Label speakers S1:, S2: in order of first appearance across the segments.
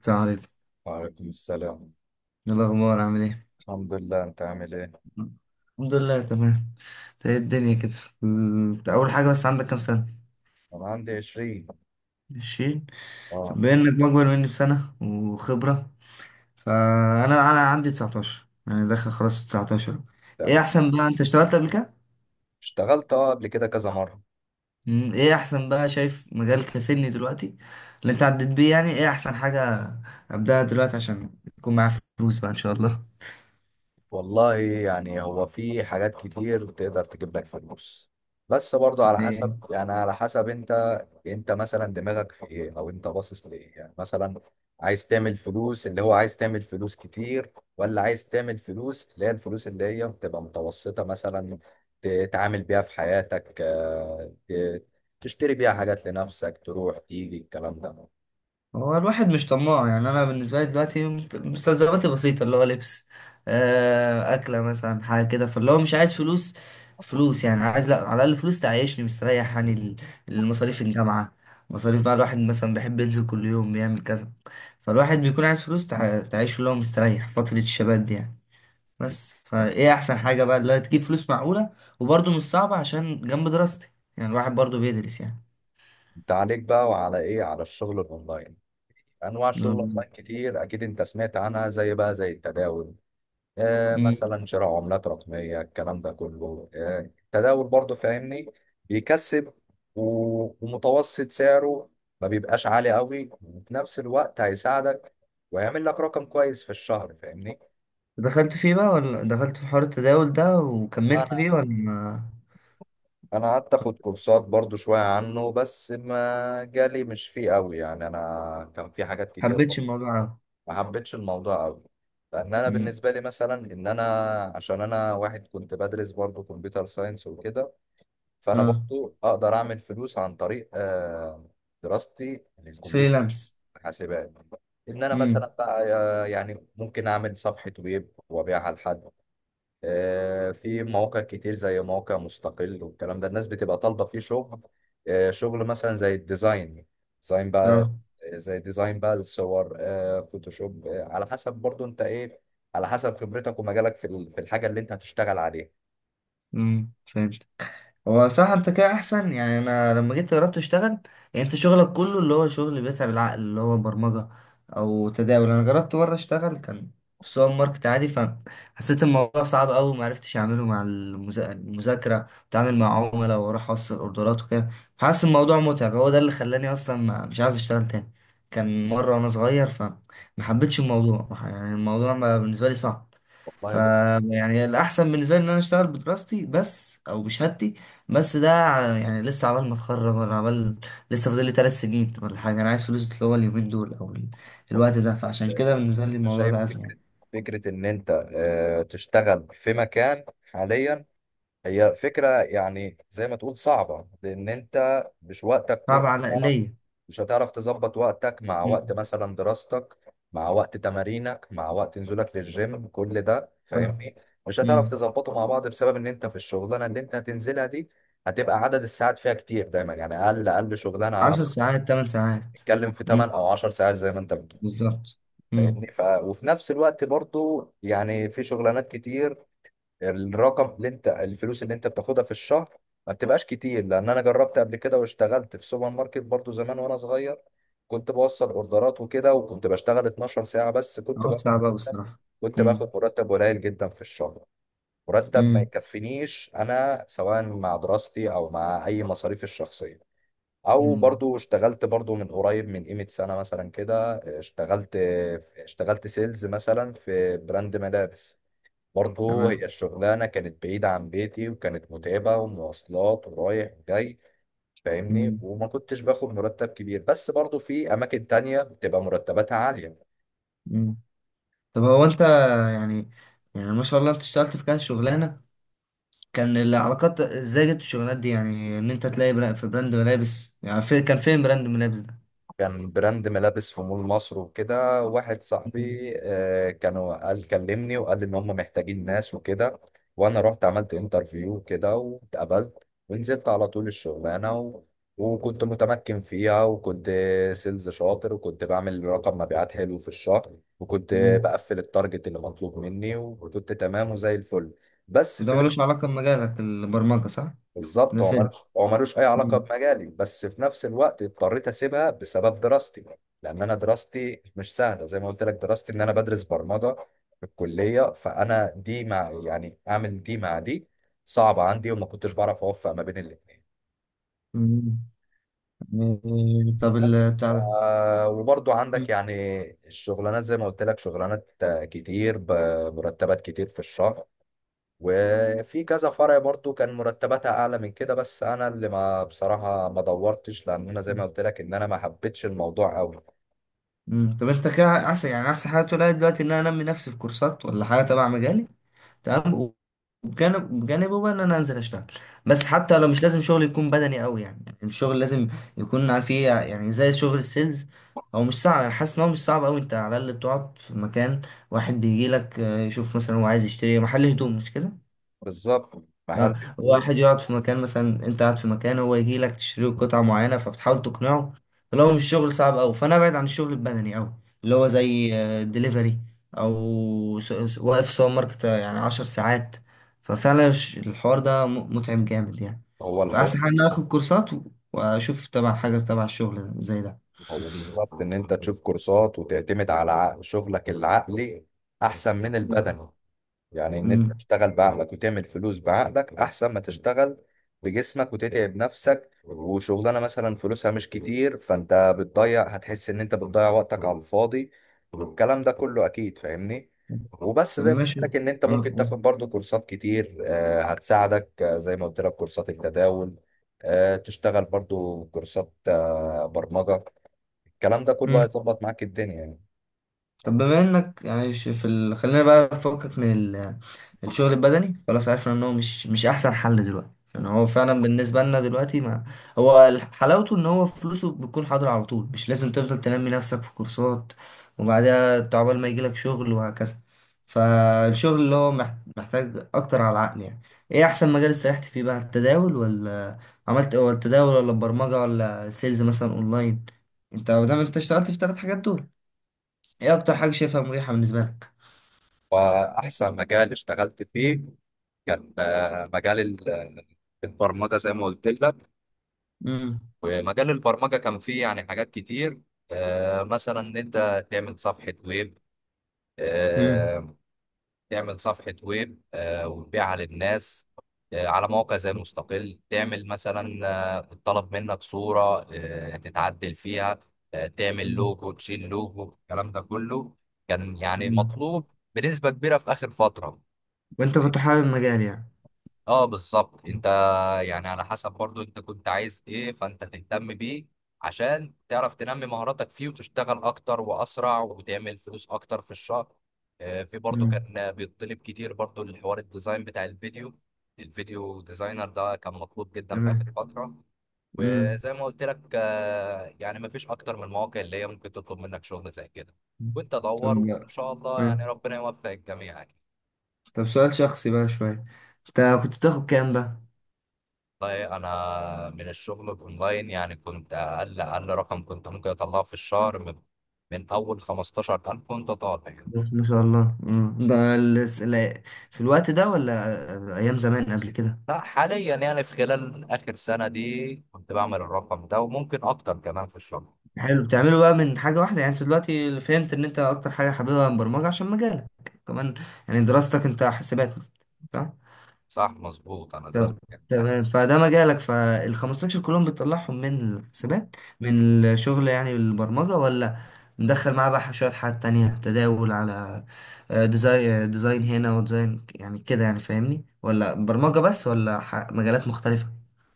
S1: السلام عليكم.
S2: وعليكم السلام.
S1: إيه الأخبار، عامل إيه؟
S2: الحمد لله، انت عامل ايه؟
S1: الحمد لله، تمام. إنت، إيه الدنيا كده؟ إنت أول حاجة، بس عندك كام سنة؟
S2: انا عندي 20.
S1: عشرين. طب
S2: اه،
S1: بما إنك أكبر مني بسنة وخبرة، فأنا أنا عندي تسعتاشر، يعني داخل خلاص في تسعتاشر. إيه
S2: تمام.
S1: أحسن بقى، أنت اشتغلت قبل كده؟
S2: اشتغلت، اه، قبل كده كذا مرة.
S1: إيه أحسن بقى، شايف مجالك كسني دلوقتي اللي أنت عديت بيه، يعني إيه أحسن حاجة أبدأها دلوقتي عشان يكون معايا فلوس بقى إن شاء الله؟
S2: والله، يعني هو في حاجات كتير تقدر تجيب لك فلوس، بس برضه على حسب، يعني على حسب انت مثلا دماغك في ايه، او انت باصص لايه يعني. مثلا عايز تعمل فلوس، اللي هو عايز تعمل فلوس كتير، ولا عايز تعمل فلوس اللي هي الفلوس اللي هي بتبقى متوسطة مثلا تتعامل بيها في حياتك. تشتري بيها حاجات لنفسك، تروح تيجي، الكلام ده.
S1: هو الواحد مش طماع، يعني انا بالنسبه لي دلوقتي مستلزماتي بسيطه، اللي هو لبس، اكله، مثلا حاجه كده، فاللي هو مش عايز فلوس. فلوس يعني عايز، لا، على الاقل فلوس تعيشني مستريح، يعني المصاريف الجامعه، مصاريف بقى، الواحد مثلا بيحب ينزل كل يوم بيعمل كذا، فالواحد بيكون عايز فلوس تعيشه اللي هو مستريح فتره الشباب دي، يعني.
S2: انت
S1: بس فايه احسن حاجه بقى اللي هي تجيب فلوس معقوله، وبرضه مش صعبه عشان جنب دراستي، يعني الواحد برضه بيدرس، يعني.
S2: انت عليك بقى، وعلى ايه؟ على الشغل الاونلاين. انواع شغل اونلاين كتير، اكيد انت سمعت عنها، زي بقى، زي التداول. آه،
S1: مم.
S2: مثلا شراء عملات رقميه، الكلام ده كله. آه، التداول برضو فاهمني، بيكسب. ومتوسط سعره ما بيبقاش عالي قوي، وفي نفس الوقت هيساعدك ويعمل لك رقم كويس في الشهر، فاهمني.
S1: دخلت فيه بقى، ولا دخلت في حوار التداول ده وكملت
S2: انا
S1: فيه، ولا ما
S2: انا قعدت اخد كورسات برضو شويه عنه، بس ما جالي مش فيه قوي يعني، انا كان في حاجات كتير.
S1: حبيتش الموضوع أوي؟
S2: ما حبيتش الموضوع قوي، لان انا
S1: مم.
S2: بالنسبه لي مثلا، ان انا، عشان انا واحد كنت بدرس برضه كمبيوتر ساينس وكده. فانا
S1: اه.
S2: برضه اقدر اعمل فلوس عن طريق دراستي للكمبيوتر،
S1: فريلانس.
S2: حاسبات. ان انا مثلا
S1: امم.
S2: بقى يعني ممكن اعمل صفحه ويب وابيعها لحد. في مواقع كتير زي موقع مستقل والكلام ده، الناس بتبقى طالبة فيه شغل. شغل مثلا زي الديزاين، ديزاين بقى.
S1: اه.
S2: زي ديزاين بقى للصور، فوتوشوب. على حسب برضو انت ايه، على حسب خبرتك ومجالك في الحاجة اللي انت هتشتغل عليها.
S1: امم، فهمت. هو صح، انت كده احسن. يعني انا لما جيت جربت اشتغل، يعني انت شغلك كله اللي هو شغل بيتعب العقل، اللي هو برمجة او تداول. انا جربت مرة اشتغل، كان في سوبر ماركت عادي، فحسيت الموضوع صعب قوي، وما عرفتش اعمله مع المذاكرة، واتعامل مع عملاء واروح اوصل اوردرات وكده. فحاسس الموضوع متعب، هو ده اللي خلاني اصلا ما مش عايز اشتغل تاني. كان مرة وانا صغير، فما حبيتش الموضوع، يعني الموضوع بالنسبة لي صعب. ف
S2: والله بص،
S1: يعني الاحسن بالنسبه لي ان انا اشتغل بدراستي بس او بشهادتي بس. ده يعني لسه عبال ما اتخرج، ولا عبال لسه فاضل لي 3 سنين ولا حاجه. انا عايز فلوس اللي هو اليومين دول، او الوقت ده، فعشان كده بالنسبه لي
S2: انا
S1: الموضوع ده
S2: شايف
S1: ازمه،
S2: فكرة
S1: يعني.
S2: فكرة ان انت تشتغل في مكان حاليا. هي فكرة يعني زي ما تقول صعبة، لأن أنت مش وقتك كله
S1: صعب على
S2: هتعرف.
S1: ليا.
S2: مش هتعرف تظبط وقتك مع وقت
S1: مم.
S2: مثلا دراستك، مع وقت تمارينك، مع وقت نزولك للجيم، كل ده
S1: ف-
S2: فاهمني. مش هتعرف
S1: مم.
S2: تظبطه مع بعض، بسبب إن أنت في الشغلانة اللي أنت هتنزلها دي هتبقى عدد الساعات فيها كتير دايما، يعني أقل أقل شغلانة على
S1: عشر ساعات، 8 ساعات.
S2: بتتكلم في
S1: مم.
S2: 8 أو 10 ساعات زي ما أنت بتقول،
S1: بالظبط. مم.
S2: فاهمني. وفي نفس الوقت برضو، يعني في شغلانات كتير، الرقم اللي انت، الفلوس اللي انت بتاخدها في الشهر ما بتبقاش كتير. لان انا جربت قبل كده واشتغلت في سوبر ماركت برضو زمان وانا صغير، كنت بوصل اوردرات وكده، وكنت بشتغل 12 ساعة، بس كنت
S1: حوار
S2: باخد
S1: صعب أوي
S2: مرتب
S1: الصراحه.
S2: كنت
S1: مم.
S2: باخد مرتب قليل جدا في الشهر، مرتب ما
S1: مم.
S2: يكفينيش انا، سواء مع دراستي او مع اي مصاريف الشخصية. او
S1: مم.
S2: برضو اشتغلت، برضو من قريب، من قيمة سنة مثلا كده اشتغلت سيلز مثلا في براند ملابس. برضه هي
S1: تمام.
S2: الشغلانة كانت بعيدة عن بيتي، وكانت متعبة، ومواصلات ورايح وجاي، فاهمني.
S1: مم.
S2: وما كنتش باخد مرتب كبير، بس برضه في أماكن تانية بتبقى مرتباتها عالية.
S1: مم. طب هو انت، يعني يعني ما شاء الله انت اشتغلت في كذا شغلانه. كان العلاقات ازاي جبت الشغلانات دي؟ يعني ان انت تلاقي في براند ملابس، يعني كان فين براند ملابس ده؟
S2: كان براند ملابس في مول مصر وكده، واحد
S1: مم.
S2: صاحبي كانوا قال كلمني وقال لي ان هم محتاجين ناس وكده، وانا رحت عملت انترفيو كده واتقبلت، ونزلت على طول الشغلانه وكنت متمكن فيها، وكنت سيلز شاطر، وكنت بعمل رقم مبيعات حلو في الشهر، وكنت
S1: مم.
S2: بقفل التارجت اللي مطلوب مني، وكنت تمام وزي الفل. بس
S1: وده
S2: في،
S1: ملوش علاقة بمجالك البرمجة، صح؟
S2: بالظبط هو
S1: نسيت.
S2: ملوش هو ملوش اي علاقه
S1: مم.
S2: بمجالي، بس في نفس الوقت اضطريت اسيبها بسبب دراستي. لان انا دراستي مش سهله زي ما قلت لك، دراستي ان انا بدرس برمجه في الكليه، فانا دي مع يعني اعمل دي مع دي صعبه عندي، وما كنتش بعرف اوفق ما بين الاثنين.
S1: مم. إيه، طب
S2: بس
S1: بتاع ده.
S2: وبرضو عندك
S1: مم.
S2: يعني الشغلانات زي ما قلت لك، شغلانات كتير بمرتبات كتير في الشهر، وفي كذا فرع برضو كان مرتباتها اعلى من كده، بس انا اللي ما بصراحه ما دورتش، لان انا زي ما قلت لك ان انا ما حبيتش الموضوع قوي.
S1: مم. طب انت كده احسن، يعني احسن حاجة تقولها لي دلوقتي ان انا انمي نفسي في كورسات ولا حاجة تبع مجالي، تمام، بجانبه بقى ان انا انزل اشتغل. بس حتى لو مش لازم شغل يكون بدني قوي، يعني الشغل لازم يكون فيه، يعني زي شغل السيلز. هو مش صعب، انا حاسس ان هو مش صعب قوي. انت على الاقل بتقعد في مكان واحد، بيجي لك يشوف مثلا هو عايز يشتري إيه. محل هدوم، مش كده؟
S2: بالظبط، محل هدوء.
S1: واحد يقعد في مكان، مثلا انت قاعد في مكان، هو يجي لك تشتري له قطعة معينة، فبتحاول تقنعه. لو مش شغل صعب أوي، فأنا أبعد عن الشغل البدني أوي، اللي هو زي دليفري، أو واقف سوبر ماركت، يعني 10 ساعات. ففعلا الحوار ده متعب جامد، يعني.
S2: هو الحوار.
S1: فأحسن حاجة إن أنا آخد كورسات و- وأشوف تبع حاجة تبع الشغل زي ده.
S2: هو بالظبط ان انت تشوف كورسات وتعتمد على شغلك العقلي احسن من البدني. يعني ان انت
S1: مم.
S2: تشتغل بعقلك وتعمل فلوس بعقلك، احسن ما تشتغل بجسمك وتتعب نفسك، وشغلانه مثلا فلوسها مش كتير، فانت بتضيع، هتحس ان انت بتضيع وقتك على الفاضي، والكلام ده كله اكيد فاهمني. وبس
S1: طب
S2: زي ما قلت
S1: ماشي.
S2: لك، ان انت
S1: آه،
S2: ممكن
S1: آه.
S2: تاخد برضو كورسات كتير هتساعدك. زي ما قلت لك كورسات التداول، تشتغل برضو كورسات برمجة. الكلام ده كله
S1: مم.
S2: هيظبط معاك الدنيا يعني.
S1: طب بما انك، يعني في ال، خلينا بقى نفكك من ال. الشغل البدني خلاص، عرفنا ان هو مش احسن حل دلوقتي، يعني هو فعلا بالنسبه لنا دلوقتي، ما هو حلاوته ان هو فلوسه بتكون حاضره على طول، مش لازم تفضل تنمي نفسك في كورسات وبعدها تعبال ما يجيلك شغل وهكذا. فالشغل اللي هو محتاج اكتر على العقل، يعني. ايه احسن مجال استريحت فيه بقى؟ التداول ولا عملت، ولا التداول ولا البرمجه ولا سيلز مثلا اونلاين؟ انت ما دام انت اشتغلت في 3 حاجات دول، ايه اكتر حاجة شايفها مريحة بالنسبة لك؟
S2: واحسن مجال اشتغلت فيه كان آه، مجال ال- آه، البرمجة زي ما قلت لك.
S1: امم.
S2: ومجال البرمجة كان فيه يعني حاجات كتير. مثلا إن أنت
S1: امم.
S2: آه، تعمل صفحة ويب، وتبيعها للناس على موقع زي مستقل. تعمل مثلا الطلب منك صورة تتعدل فيها، تعمل
S1: أمم.
S2: لوجو، تشيل لوجو، الكلام ده كله كان يعني
S1: أمم.
S2: مطلوب بنسبة كبيرة في آخر فترة.
S1: وانت كنت حابب المجال، يعني؟
S2: اه بالظبط انت، يعني على حسب برضو انت كنت عايز ايه فانت تهتم بيه، عشان تعرف تنمي مهاراتك فيه، وتشتغل اكتر واسرع، وتعمل فلوس اكتر في الشهر. في برضو
S1: امم.
S2: كان بيطلب كتير برضو الحوار الديزاين بتاع الفيديو، الفيديو ديزاينر ده كان مطلوب جدا في اخر
S1: تمام.
S2: فترة.
S1: امم.
S2: وزي ما قلت لك يعني مفيش اكتر من المواقع اللي هي ممكن تطلب منك شغل زي كده. وانت
S1: طب.
S2: دور، وان شاء الله يعني،
S1: أمم.
S2: ربنا يوفق الجميع يعني.
S1: طب، سؤال شخصي بقى شوية، انت كنت بتاخد كام بقى؟
S2: والله انا من الشغل اونلاين يعني كنت اقل اقل رقم كنت ممكن اطلعه في الشهر، من اول 15,000 وانت طالع.
S1: ما شاء الله. أمم. ده في الوقت ده، ولا ايام زمان قبل كده؟
S2: لا، حاليا يعني في خلال اخر سنه دي كنت بعمل الرقم ده، وممكن اكتر كمان في الشهر.
S1: حلو، بتعمله بقى من حاجة واحدة؟ يعني انت دلوقتي فهمت ان انت اكتر حاجة حاببها البرمجة عشان مجالك كمان، يعني دراستك انت حاسبات، صح؟
S2: صح مظبوط، انا درست.
S1: تم- تمام. فده مجالك، فال 15 كلهم بتطلعهم من الحسابات، من الشغل، يعني البرمجة، ولا مدخل معاه بقى شوية حاجات تانية، تداول على ديزاين، ديزاين هنا وديزاين يعني كده، يعني فاهمني، ولا برمجة بس، ولا مجالات مختلفة؟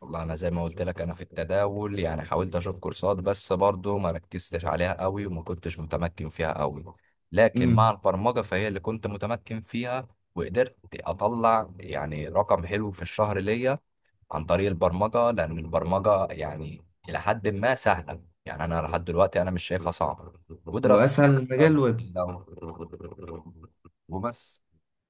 S2: والله انا زي ما قلت لك، انا في التداول يعني حاولت اشوف كورسات، بس برضو ما ركزتش عليها قوي، وما كنتش متمكن فيها قوي. لكن
S1: امم.
S2: مع البرمجة فهي اللي كنت متمكن فيها، وقدرت اطلع يعني رقم حلو في الشهر ليا عن طريق البرمجة. لان البرمجة يعني الى حد ما سهلة يعني، انا لحد دلوقتي انا مش شايفها صعبة. ودراسة.
S1: وأسهل مجال
S2: لو
S1: الويب.
S2: لو وبس.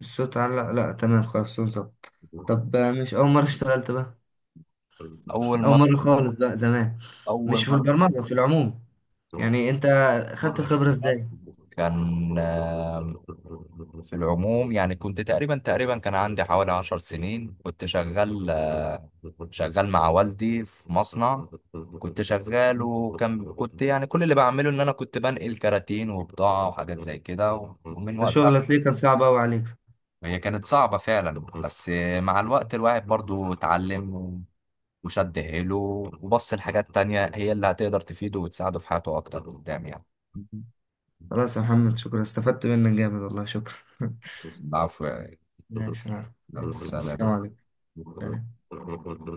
S1: الصوت، على، لا, لا، تمام خلاص، صوت ظبط. طب مش أول مرة اشتغلت بقى؟
S2: اول
S1: أول
S2: مرة
S1: مرة خالص بقى زمان. مش
S2: اول
S1: في
S2: مرة
S1: البرمجة في العموم، يعني أنت خدت
S2: مرة
S1: الخبرة
S2: اشتغلت
S1: إزاي؟
S2: كان في العموم، يعني كنت تقريبا كان عندي حوالي 10 سنين كنت شغال، شغال مع والدي في مصنع. كنت شغال كنت يعني كل اللي بعمله ان انا كنت بنقل كراتين وبضاعة وحاجات زي كده، ومن
S1: ده
S2: وقتها.
S1: شغلة ليكر صعب أوي عليك.
S2: هي كانت صعبة فعلا، بس مع الوقت الواحد برضو اتعلم وشد حيله، وبص لحاجات تانية هي اللي هتقدر تفيده وتساعده في حياته أكتر قدام يعني.
S1: خلاص يا محمد، شكرا، استفدت منك جامد والله، شكرا.
S2: العفو.
S1: ماشي يا عم. السلام عليكم. سلام.
S2: السلام.